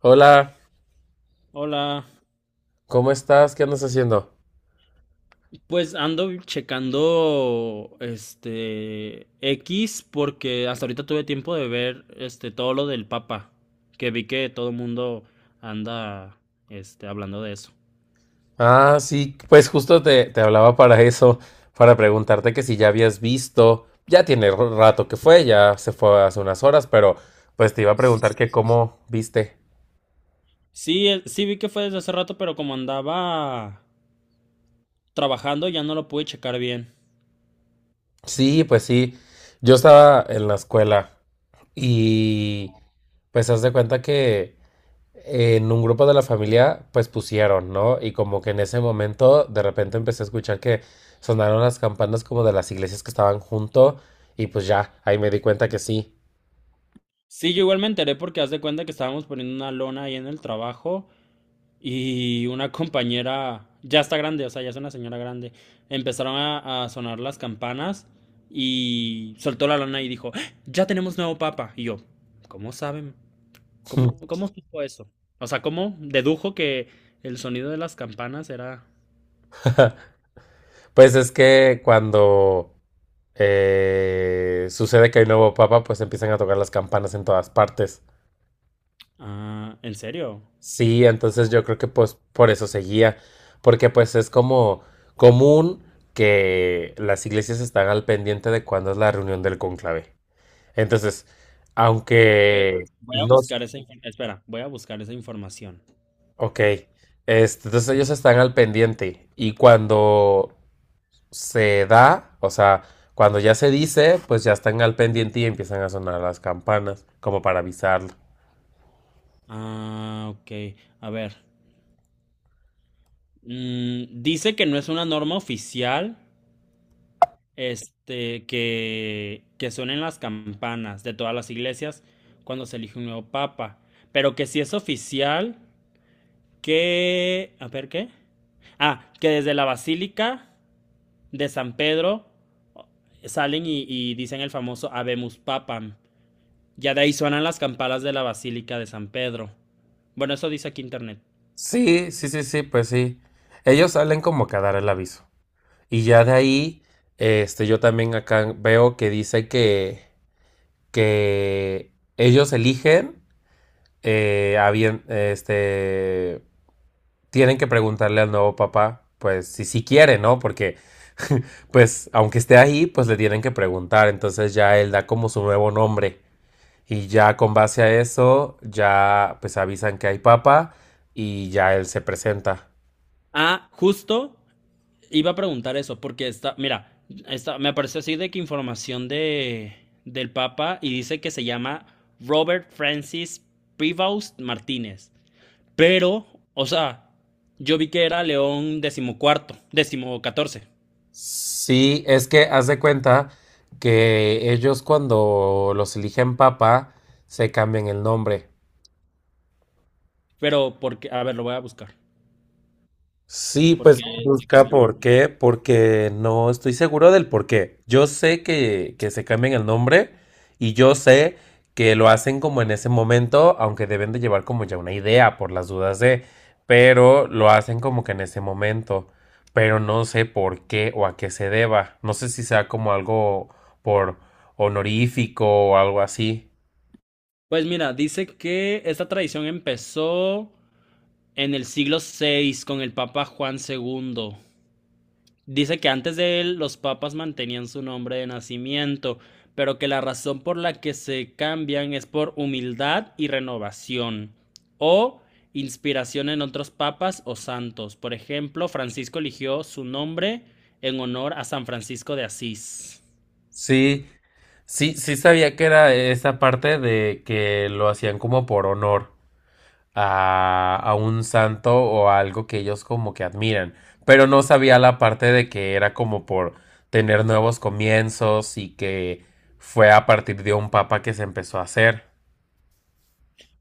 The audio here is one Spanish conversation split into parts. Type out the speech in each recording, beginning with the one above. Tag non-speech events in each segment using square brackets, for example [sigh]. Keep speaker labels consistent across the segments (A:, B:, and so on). A: Hola,
B: Hola,
A: ¿cómo estás? ¿Qué andas haciendo?
B: pues ando checando X porque hasta ahorita tuve tiempo de ver todo lo del Papa, que vi que todo el mundo anda hablando de eso.
A: Ah, sí, pues justo te hablaba para eso, para preguntarte que si ya habías visto, ya tiene rato que fue, ya se fue hace unas horas, pero pues te iba a preguntar que cómo viste.
B: Sí, sí vi que fue desde hace rato, pero como andaba trabajando ya no lo pude checar bien.
A: Sí, pues sí, yo estaba en la escuela y pues haz de cuenta que en un grupo de la familia, pues pusieron, ¿no? Y como que en ese momento de repente empecé a escuchar que sonaron las campanas como de las iglesias que estaban junto y pues ya, ahí me di cuenta que sí.
B: Sí, yo igual me enteré porque haz de cuenta que estábamos poniendo una lona ahí en el trabajo. Y una compañera, ya está grande, o sea, ya es una señora grande, empezaron a sonar las campanas y soltó la lana y dijo, "¡Ah! Ya tenemos nuevo papa." Y yo, ¿cómo saben? ¿Cómo supo eso? O sea, ¿cómo dedujo que el sonido de las campanas era...?
A: Pues es que cuando sucede que hay nuevo papa, pues empiezan a tocar las campanas en todas partes.
B: Ah, ¿en serio?
A: Sí, entonces yo creo que pues por eso seguía, porque pues es como común que las iglesias están al pendiente de cuándo es la reunión del conclave. Entonces,
B: Ver,
A: aunque
B: voy a
A: no,
B: buscar esa información. Espera, voy a buscar esa información.
A: ok, entonces ellos están al pendiente y cuando se da, o sea, cuando ya se dice, pues ya están al pendiente y empiezan a sonar las campanas, como para avisarlo.
B: Ah, ok. A ver. Mm, dice que no es una norma oficial. Que suenen las campanas de todas las iglesias cuando se elige un nuevo papa. Pero que si es oficial, que... A ver, ¿qué? Ah, que desde la Basílica de San Pedro salen y dicen el famoso Habemus Papam. Ya de ahí suenan las campanas de la Basílica de San Pedro. Bueno, eso dice aquí internet.
A: Sí, sí, sí, sí, pues sí. Ellos salen como que a dar el aviso. Y ya de ahí, yo también acá veo que dice que ellos eligen, a bien, tienen que preguntarle al nuevo papá, pues si sí quiere, ¿no? Porque, pues, aunque esté ahí, pues le tienen que preguntar. Entonces ya él da como su nuevo nombre. Y ya con base a eso, ya pues avisan que hay papa y ya él se presenta.
B: Ah, justo iba a preguntar eso, porque está, mira, está, me apareció así de que información de, del Papa y dice que se llama Robert Francis Prevost Martínez. Pero, o sea, yo vi que era León decimocuarto, decimocatorce.
A: Sí, es que haz de cuenta que ellos cuando los eligen papa se cambian el nombre.
B: Pero, porque, a ver, lo voy a buscar.
A: Sí,
B: Porque
A: pues
B: se
A: busca
B: cambió el nombre.
A: por qué, porque no estoy seguro del por qué. Yo sé que se cambian el nombre y yo sé que lo hacen como en ese momento, aunque deben de llevar como ya una idea por las dudas de, pero lo hacen como que en ese momento, pero no sé por qué o a qué se deba. No sé si sea como algo por honorífico o algo así.
B: Pues mira, dice que esta tradición empezó en el siglo VI con el Papa Juan segundo. Dice que antes de él los papas mantenían su nombre de nacimiento, pero que la razón por la que se cambian es por humildad y renovación o inspiración en otros papas o santos. Por ejemplo, Francisco eligió su nombre en honor a San Francisco de Asís.
A: Sí, sí, sí sabía que era esa parte de que lo hacían como por honor, a un santo o a algo que ellos como que admiran, pero no sabía la parte de que era como por tener nuevos comienzos y que fue a partir de un papa que se empezó a hacer.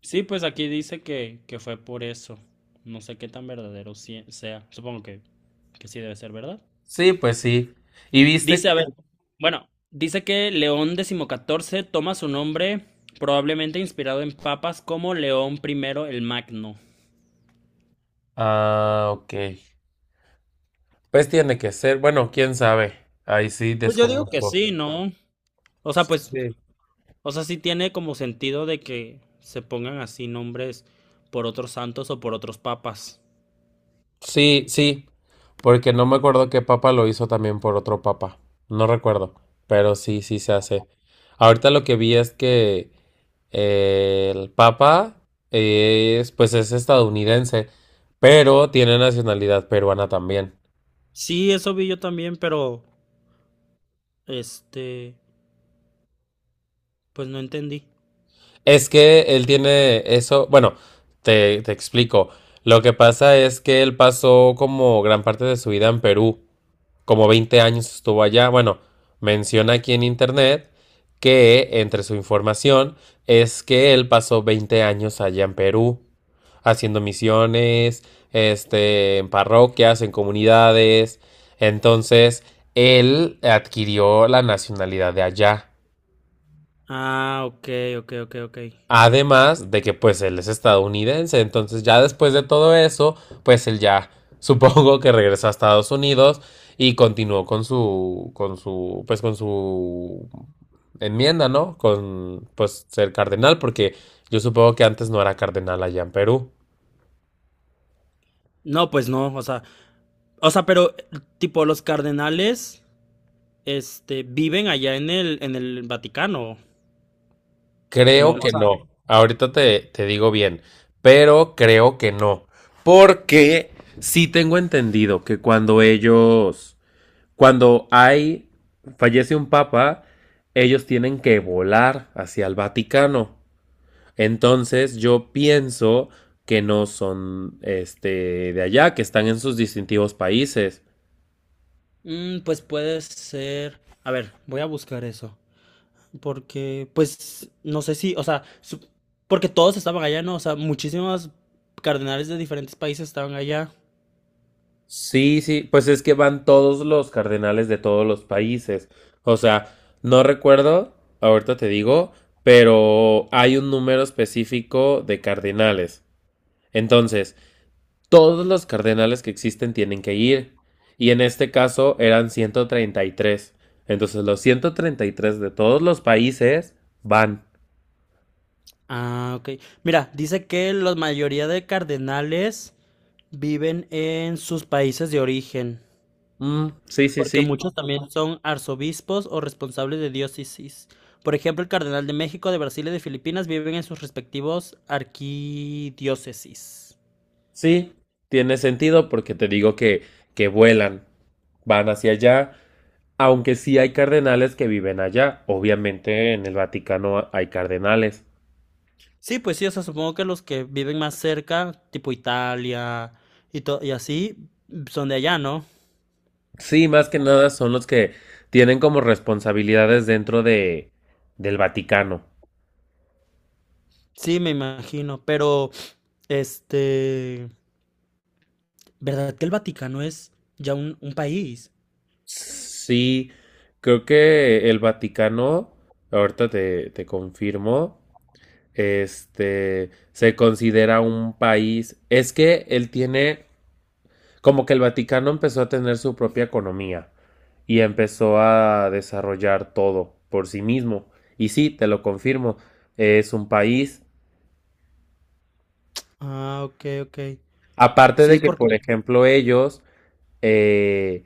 B: Sí, pues aquí dice que fue por eso. No sé qué tan verdadero sea. Supongo que sí debe ser verdad.
A: Sí, pues sí. Y viste
B: Dice, a ver,
A: que...
B: bueno, dice que León XIV toma su nombre probablemente inspirado en papas como León primero el Magno.
A: Ah, ok. Pues tiene que ser. Bueno, quién sabe. Ahí sí
B: Pues yo digo que
A: desconozco.
B: sí, ¿no? O sea, pues,
A: Sí.
B: o sea, sí tiene como sentido de que se pongan así nombres por otros santos o por otros papas.
A: Sí, sí. Porque no me acuerdo qué papa lo hizo también por otro papa. No recuerdo. Pero sí, sí se hace. Ahorita lo que vi es que el Papa es, pues es estadounidense, pero tiene nacionalidad peruana también.
B: Sí, eso vi yo también, pero este, pues no entendí.
A: Es que él tiene eso, bueno, te explico. Lo que pasa es que él pasó como gran parte de su vida en Perú, como 20 años estuvo allá. Bueno, menciona aquí en internet que entre su información es que él pasó 20 años allá en Perú, haciendo misiones, en parroquias, en comunidades. Entonces, él adquirió la nacionalidad de allá.
B: Ah, ok, ok, ok, ok.
A: Además de que pues él es estadounidense, entonces ya después de todo eso, pues él ya [laughs] supongo que regresó a Estados Unidos y continuó con su pues con su enmienda, ¿no? Con pues ser cardenal porque yo supongo que antes no era cardenal allá en Perú.
B: No, pues no, o sea, pero tipo los cardenales viven allá en el Vaticano.
A: Creo
B: No. O
A: que
B: sea,
A: no. Ahorita te digo bien, pero creo que no, porque sí tengo entendido que cuando fallece un papa, ellos tienen que volar hacia el Vaticano. Entonces yo pienso que no son este de allá, que están en sus distintivos países.
B: mm, pues puede ser. A ver, voy a buscar eso. Porque, pues, no sé si, o sea, su- porque todos estaban allá, ¿no? O sea, muchísimos cardenales de diferentes países estaban allá.
A: Sí, sí, pues es que van todos los cardenales de todos los países. O sea, no recuerdo, ahorita te digo, pero hay un número específico de cardenales. Entonces, todos los cardenales que existen tienen que ir. Y en este caso eran 133. Entonces los 133 de todos los países van.
B: Ah, ok. Mira, dice que la mayoría de cardenales viven en sus países de origen,
A: Mm, sí, sí,
B: porque
A: sí.
B: muchos también son arzobispos o responsables de diócesis. Por ejemplo, el cardenal de México, de Brasil y de Filipinas viven en sus respectivos arquidiócesis.
A: Sí, tiene sentido porque te digo que vuelan. Van hacia allá. Aunque sí hay cardenales que viven allá. Obviamente en el Vaticano hay cardenales.
B: Sí, pues sí, o sea, supongo que los que viven más cerca, tipo Italia y, to- y así, son de allá, ¿no?
A: Sí, más que nada son los que tienen como responsabilidades dentro de del Vaticano.
B: Sí, me imagino, pero, este, ¿verdad que el Vaticano es ya un país?
A: Sí, creo que el Vaticano, ahorita te confirmo, se considera un país, es que él tiene, como que el Vaticano empezó a tener su propia economía y empezó a desarrollar todo por sí mismo. Y sí, te lo confirmo, es un país.
B: Ah, ok, ok.
A: Aparte de
B: Sí,
A: que,
B: porque...
A: por ejemplo, ellos eh,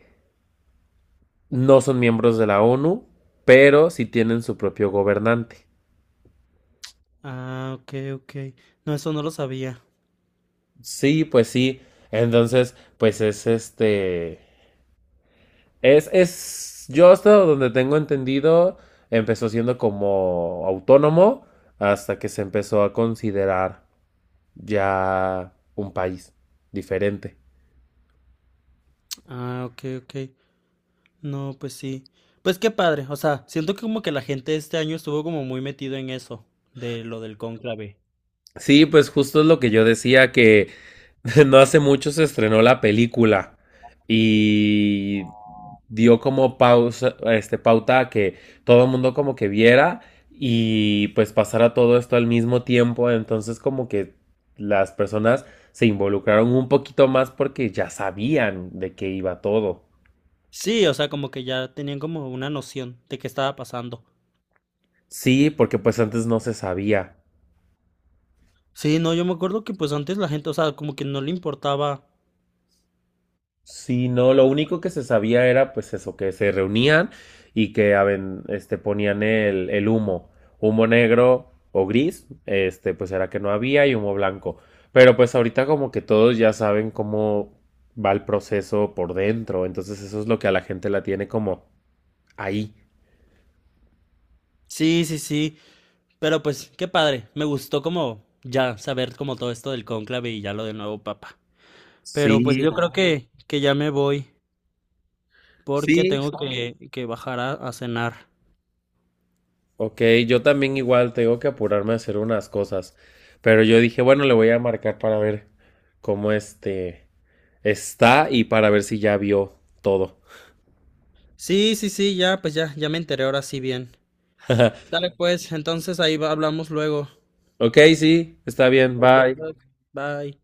A: no son miembros de la ONU, pero sí tienen su propio gobernante.
B: Ah, ok, ok. No, eso no lo sabía.
A: Sí, pues sí. Entonces, pues es este. Es, es. Yo hasta donde tengo entendido, empezó siendo como autónomo hasta que se empezó a considerar ya un país diferente.
B: Ah, ok, ok. No, pues sí. Pues qué padre. O sea, siento que como que la gente este año estuvo como muy metido en eso, de lo del cónclave.
A: Sí, pues justo es lo que yo decía, que [laughs] no hace mucho se estrenó la película y dio como pausa, pauta a que todo el mundo como que viera y pues pasara todo esto al mismo tiempo, entonces como que las personas se involucraron un poquito más porque ya sabían de qué iba todo.
B: Sí, o sea, como que ya tenían como una noción de qué estaba pasando.
A: Sí, porque pues antes no se sabía.
B: Sí, no, yo me acuerdo que pues antes la gente, o sea, como que no le importaba.
A: Sí, no, lo único que se sabía era pues eso, que se reunían y que ponían el humo, humo negro o gris, pues era que no había y humo blanco. Pero pues ahorita como que todos ya saben cómo va el proceso por dentro, entonces eso es lo que a la gente la tiene como ahí.
B: Sí, sí, sí. Pero pues qué padre. Me gustó como ya saber como todo esto del cónclave y ya lo del nuevo papa. Pero pues
A: Sí,
B: yo creo claro, que ya me voy porque
A: sí.
B: tengo que bajar a cenar.
A: Ok, yo también igual tengo que apurarme a hacer unas cosas, pero yo dije, bueno, le voy a marcar para ver cómo está y para ver si ya vio todo.
B: Sí, sí, sí, ya, pues ya, ya me enteré ahora sí bien.
A: [laughs]
B: Sale pues, entonces ahí va- hablamos luego.
A: Ok, sí, está bien, bye.
B: Adiós, bye.